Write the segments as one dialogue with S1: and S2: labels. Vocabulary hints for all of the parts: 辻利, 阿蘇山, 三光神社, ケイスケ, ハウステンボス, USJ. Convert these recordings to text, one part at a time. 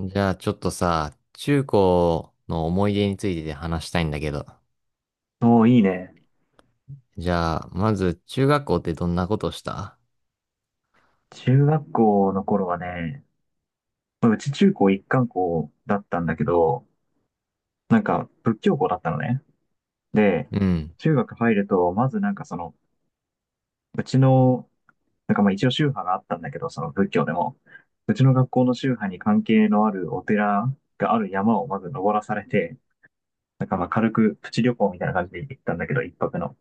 S1: じゃあちょっとさ、中高の思い出について話したいんだけど。
S2: おー、いいね。
S1: じゃあ、まず中学校ってどんなことした？
S2: 中学校の頃はね、うち中高一貫校だったんだけど、仏教校だったのね。で、
S1: うん。
S2: 中学入ると、まずなんかその、うちの、なんかまあ一応宗派があったんだけど、その仏教でも、うちの学校の宗派に関係のあるお寺がある山をまず登らされて、軽くプチ旅行みたいな感じで行ったんだけど、一泊の。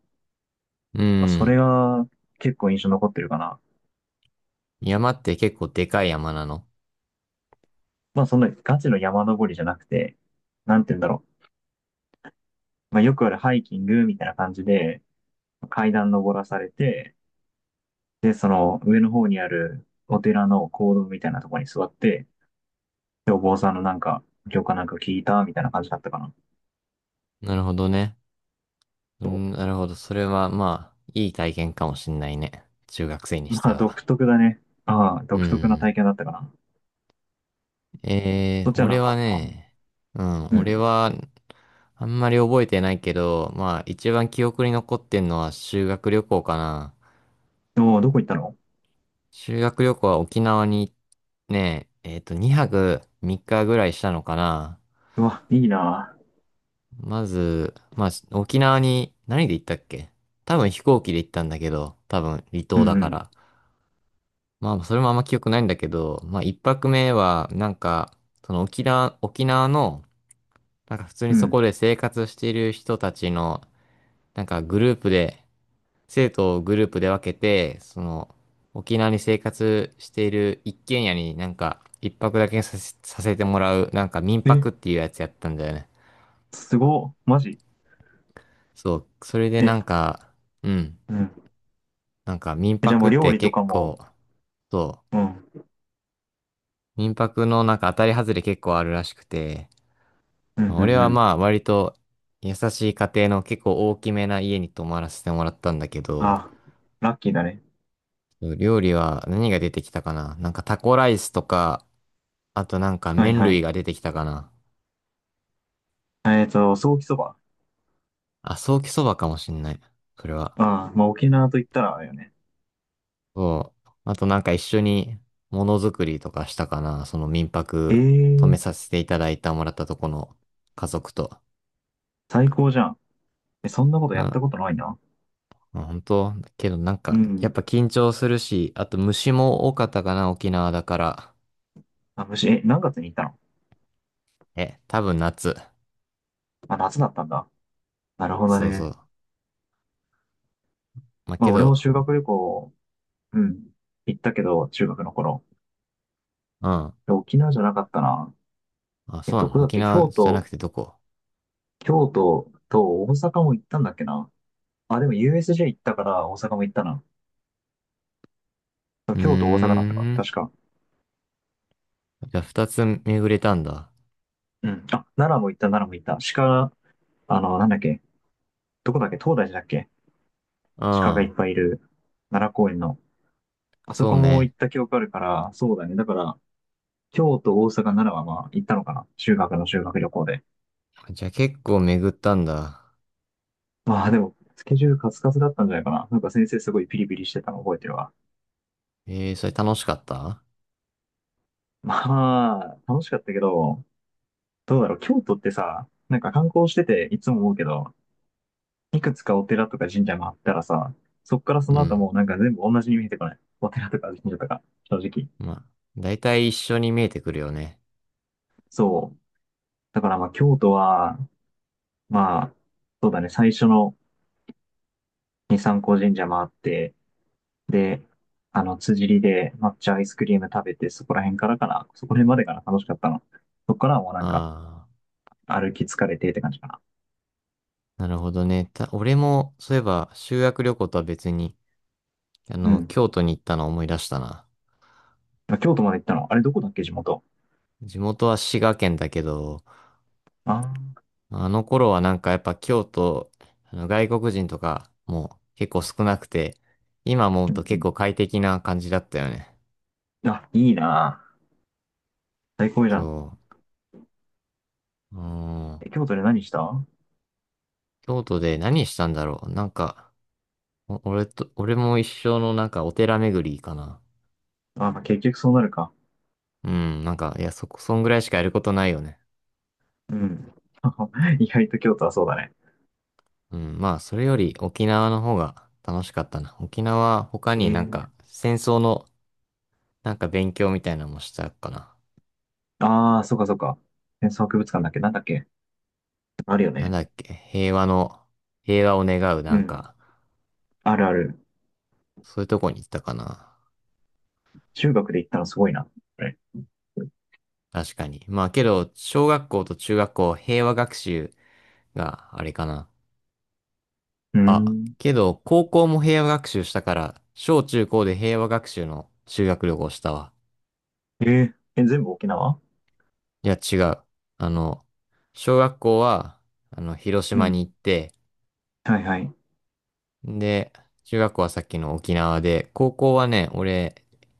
S1: う
S2: まあ、それ
S1: ん。
S2: が結構印象残ってるかな。
S1: 山って結構でかい山なの？
S2: まあそんなガチの山登りじゃなくて、なんて言うんだろう。まあ、よくあるハイキングみたいな感じで、階段登らされて、で、その上の方にあるお寺の講堂みたいなところに座って、で、お坊さんの教科なんか聞いたみたいな感じだったかな。
S1: なるほどね。うん、なるほど。それはまあ、いい体験かもしんないね。中学生にし
S2: ま
S1: て
S2: あ、独
S1: は。
S2: 特だね。ああ、
S1: う
S2: 独特な
S1: ん。
S2: 体験だったかな。そっちは
S1: 俺
S2: なか
S1: は
S2: った？
S1: ね、うん、
S2: う
S1: 俺
S2: ん。
S1: は、あんまり覚えてないけど、まあ、一番記憶に残ってんのは修学旅行かな。
S2: おお、どこ行ったの？
S1: 修学旅行は沖縄にね、2泊3日ぐらいしたのかな。
S2: うわ、いいな。
S1: まず、まあ、沖縄に何で行ったっけ？多分飛行機で行ったんだけど、多分離
S2: う
S1: 島
S2: ん
S1: だ
S2: う
S1: か
S2: ん。
S1: ら。まあ、それもあんま記憶ないんだけど、まあ、一泊目は、なんか、その沖縄の、なんか普通
S2: う
S1: にそ
S2: ん。
S1: こで生活している人たちの、なんかグループで生徒をグループで分けて、その、沖縄に生活している一軒家になんか、一泊だけさせてもらう、なんか民
S2: え、
S1: 泊っていうやつやったんだよね。
S2: すご。マジ？
S1: そう、それでな
S2: え、
S1: んか、うん、
S2: うん。
S1: なんか民
S2: え、じゃあ
S1: 泊
S2: もう
S1: っ
S2: 料
S1: て
S2: 理と
S1: 結
S2: か
S1: 構、
S2: も、
S1: そ
S2: うん。
S1: う、民泊のなんか当たり外れ結構あるらしくて、
S2: うんう
S1: 俺
S2: んう
S1: は
S2: ん。
S1: まあ割と優しい家庭の結構大きめな家に泊まらせてもらったんだけど、
S2: あ、ラッキーだね。
S1: 料理は何が出てきたかな？なんかタコライスとか、あとなんか
S2: はい
S1: 麺
S2: は
S1: 類
S2: い。
S1: が出てきたかな。
S2: えっと、ソーキそば。
S1: あ、ソーキそばかもしんない。それは。
S2: ああ、まあ沖縄と言ったらあれよね。
S1: そう。あとなんか一緒にものづくりとかしたかな。その民
S2: え
S1: 泊泊め
S2: え、
S1: させていただいたもらったとこの家族と。
S2: 最高じゃん。え、そんなこと
S1: う
S2: やった
S1: ん。
S2: ことないな。
S1: まあ本当けどなん
S2: う
S1: か、やっぱ
S2: ん。
S1: 緊張するし、あと虫も多かったかな、沖縄だから。
S2: あ、むし、え、何月に行ったの？
S1: え、多分夏。
S2: あ、夏だったんだ。なるほど
S1: そうそ
S2: ね。
S1: う。まあ、
S2: ま
S1: け
S2: あ俺も
S1: ど、
S2: 修学旅行、うん、行ったけど、中学の頃。
S1: うん。
S2: で沖縄じゃなかったな。
S1: あ、
S2: え、
S1: そうな
S2: ど
S1: の？
S2: こだっ
S1: 沖
S2: け、
S1: 縄
S2: 京
S1: じゃなく
S2: 都、
S1: てどこ？
S2: 京都と大阪も行ったんだっけな。あ、でも USJ 行ったから大阪も行ったな。
S1: うー
S2: 京都、大阪だったか。
S1: ん。
S2: 確か。
S1: じゃあ二つ巡れたんだ。
S2: うん。あ、奈良も行った、奈良も行った。鹿、あの、なんだっけ。どこだっけ、東大寺だっけ？
S1: う
S2: 鹿がいっ
S1: ん。
S2: ぱいいる奈良公園の。あそ
S1: そう
S2: こも行
S1: ね。
S2: った記憶あるから、そうだね。だから、京都、大阪、奈良はまあ行ったのかな。修学旅行で。
S1: じゃあ結構巡ったんだ。
S2: まあでも、スケジュールカツカツだったんじゃないかな。なんか先生すごいピリピリしてたの覚えてるわ。
S1: えー、それ楽しかった？
S2: まあ、楽しかったけど、どうだろう。京都ってさ、なんか観光してていつも思うけど、いくつかお寺とか神社回ったらさ、そっからそ
S1: う
S2: の後
S1: ん。
S2: もうなんか全部同じに見えてこない？お寺とか神社とか、正直。
S1: まあ、だいたい一緒に見えてくるよね。
S2: そう。だからまあ京都は、まあ、そうだね、最初のに三光神社回って、で、あの、辻利で抹茶アイスクリーム食べて、そこら辺からかな、そこら辺までかな、楽しかったの。そこからはもうなんか、
S1: あ
S2: 歩き疲れてって感じかな。
S1: あ、なるほどね。俺も、そういえば、修学旅行とは別に、
S2: うん。
S1: 京都に行ったのを思い出したな。
S2: まあ京都まで行ったの？あれどこだっけ、地元。
S1: 地元は滋賀県だけど、
S2: ああ、
S1: あの頃はなんかやっぱ京都、外国人とかも結構少なくて、今思う
S2: う
S1: と結
S2: ん
S1: 構快適な感じだったよね。
S2: うん。あ、いいなあ。最高じゃん。
S1: そう。うん。
S2: え、京都で何した？あ、
S1: 京都で何したんだろう。なんか、お俺と、俺も一生のなんかお寺巡りかな。
S2: まあ、結局そうなるか。
S1: うん、なんか、いや、そこ、そんぐらいしかやることないよね。
S2: うん。意外と京都はそうだね。
S1: うん、まあ、それより沖縄の方が楽しかったな。沖縄、他
S2: え
S1: になん
S2: え、
S1: か、戦争のなんか勉強みたいなのもしたかな。
S2: ああ、そうかそうか。戦争博物館だっけ、なんだっけ？あるよ
S1: なん
S2: ね。
S1: だっけ、平和の、平和を願うな
S2: う
S1: ん
S2: ん。
S1: か、
S2: あるある。
S1: そういうとこに行ったかな。
S2: 中学で行ったのすごいな。あれ？
S1: 確かに。まあ、けど、小学校と中学校、平和学習があれかな。
S2: うん。
S1: けど、高校も平和学習したから、小中高で平和学習の修学旅行したわ。
S2: えー、え、全部沖縄？
S1: いや、違う。あの、小学校は、広
S2: う
S1: 島
S2: ん。
S1: に行って、
S2: はいはい。う
S1: で、中学校はさっきの沖縄で、高校はね、俺、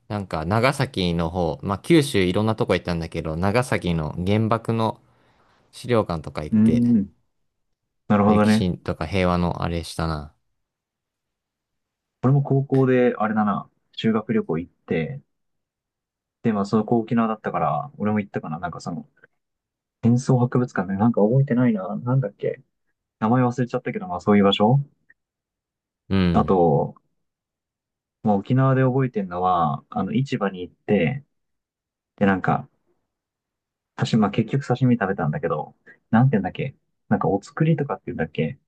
S1: なんか長崎の方、まあ、九州いろんなとこ行ったんだけど、長崎の原爆の資料館とか行って、
S2: ん。なるほど
S1: 歴
S2: ね。
S1: 史とか平和のあれしたな。
S2: 俺も高校で、あれだな、修学旅行行って、で、まあ、そこ沖縄だったから、俺も行ったかな。なんかその、戦争博物館ね、なんか覚えてないな。なんだっけ。名前忘れちゃったけど、まあ、そういう場所。
S1: う
S2: あ
S1: ん。
S2: と、まあ、沖縄で覚えてるのは、あの、市場に行って、で、なんか、刺身、まあ、結局刺身食べたんだけど、なんて言うんだっけ。なんか、お造りとかって言うんだっけ。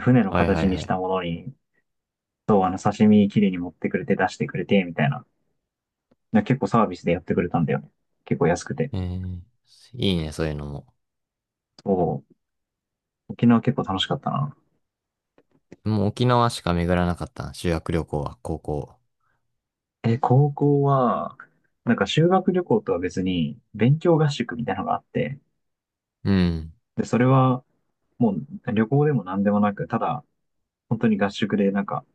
S2: 船の
S1: はいは
S2: 形
S1: い
S2: に
S1: は
S2: し
S1: い。
S2: たものに、そう、あの、刺身きれいに持ってくれて、出してくれて、みたいな。な結構サービスでやってくれたんだよね。結構安くて。
S1: えー、いいね、そういうのも。
S2: そう。沖縄結構楽しかったな。
S1: もう沖縄しか巡らなかったな、修学旅行は、高校。
S2: え、高校は、なんか修学旅行とは別に、勉強合宿みたいなのがあって、
S1: うん。
S2: で、それは、もう旅行でも何でもなく、ただ、本当に合宿で、なんか、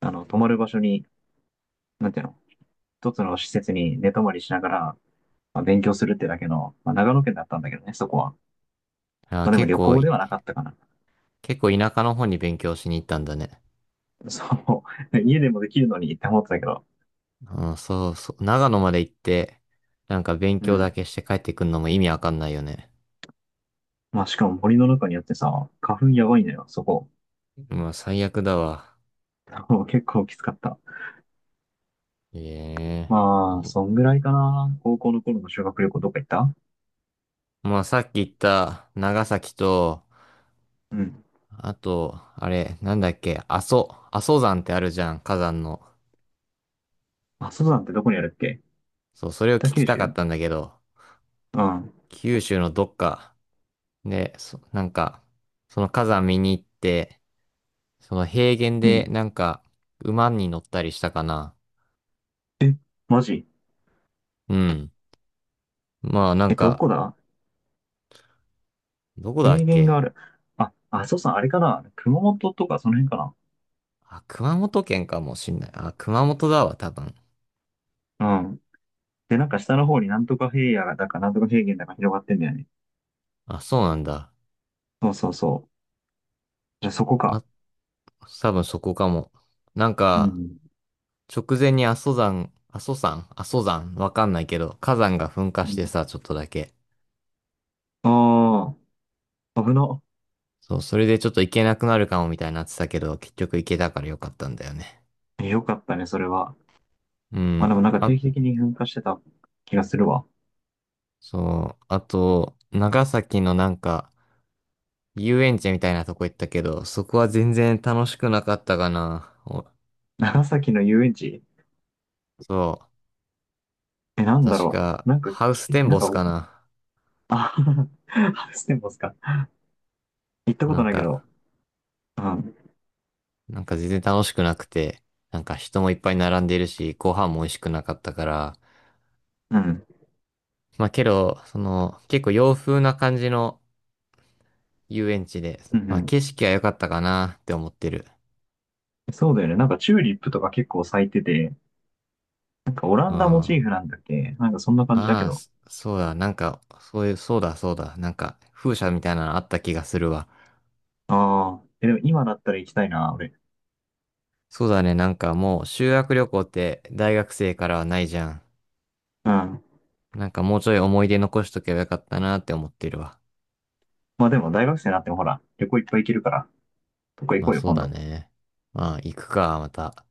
S2: あの、泊まる場所に、なんていうの、一つの施設に寝泊まりしながら、まあ、勉強するってだけの、まあ、長野県だったんだけどね、そこは。
S1: あー、
S2: まあ、でも旅行ではなかったかな。
S1: 結構田舎の方に勉強しに行ったんだね。
S2: そう。家でもできるのにって思ってたけど、
S1: うん、そうそう。長野まで行って、なんか勉
S2: う
S1: 強だ
S2: ん。
S1: けして帰ってくんのも意味わかんないよね。
S2: まあ、しかも森の中にあってさ、花粉やばいのよ、そこ。
S1: まあ最悪だわ。
S2: 結構きつかった。
S1: ええ。
S2: まあ、
S1: も
S2: そんぐらいかな。高校の頃の修学旅行どっか行った？
S1: まあさっき言った長崎と、
S2: うん。
S1: あと、あれ、なんだっけ、阿蘇山ってあるじゃん、火山の。
S2: 阿蘇山ってどこにあるっけ？
S1: そう、それを
S2: 北
S1: 聞き
S2: 九
S1: たかっ
S2: 州？
S1: たんだけど、
S2: うん。
S1: 九州のどっかで、なんか、その火山見に行って、その平原
S2: う
S1: で
S2: ん。
S1: なんか、馬に乗ったりしたかな。
S2: え、マジ？
S1: うん。まあなん
S2: え、ど
S1: か、
S2: こだ？
S1: どこだ
S2: 平
S1: っ
S2: 原
S1: け？
S2: がある。あ、阿蘇山あれかな、熊本とかその辺か
S1: あ、熊本県かもしんない。あ、熊本だわ、多分。
S2: な？うん。で、なんか下の方になんとか平野だかなんとか平原だか広がってんだよね。
S1: あ、そうなんだ。
S2: そうそうそう。じゃあそこ
S1: あ、
S2: か。
S1: 多分そこかも。なん
S2: う
S1: か、
S2: ん。
S1: 直前に阿蘇山、阿蘇山、阿蘇山、わかんないけど、火山が噴火
S2: う
S1: して
S2: ん、
S1: さ、ちょっとだけ。
S2: ああ、危な。
S1: そう、それでちょっと行けなくなるかもみたいになってたけど、結局行けたからよかったんだよね。
S2: よかったね、それは。
S1: う
S2: まあ
S1: ん、
S2: でもなんか定
S1: あ、
S2: 期的に噴火してた気がするわ。
S1: そう、あと、長崎のなんか、遊園地みたいなとこ行ったけど、そこは全然楽しくなかったかな。
S2: 長崎の遊園地？
S1: そ
S2: え、な
S1: う、
S2: んだ
S1: 確
S2: ろ
S1: か、
S2: う。なんか
S1: ハウス
S2: き、
S1: テン
S2: なん
S1: ボス
S2: か、
S1: かな。
S2: あ、ハウステンボスか。行ったこ
S1: な
S2: と
S1: ん
S2: ないけど、
S1: か、
S2: うん、
S1: なんか全然楽しくなくて、なんか人もいっぱい並んでいるし、ご飯も美味しくなかったから、
S2: うん、
S1: まあけど、その、結構洋風な感じの遊園地で、
S2: うん、う
S1: まあ
S2: ん。
S1: 景色は良かったかなって思ってる。
S2: そうだよね。なんかチューリップとか結構咲いてて、なんかオラ
S1: うん。
S2: ンダモチー
S1: あ
S2: フなんだっけ、なんかそんな感じだけ
S1: あ、
S2: ど。
S1: そうだ、なんか、そういう、そうだ、そうだ、なんか、風車みたいなのあった気がするわ。
S2: ああ、え、でも今だったら行きたいな、俺。
S1: そうだね、なんかもう修学旅行って大学生からはないじゃん。
S2: うん。
S1: なんかもうちょい思い出残しとけばよかったなって思ってるわ。
S2: まあでも大学生になってもほら、旅行いっぱい行けるから、どこ行
S1: まあ
S2: こうよ、
S1: そう
S2: 今
S1: だ
S2: 度。
S1: ね。まあ行くか、また。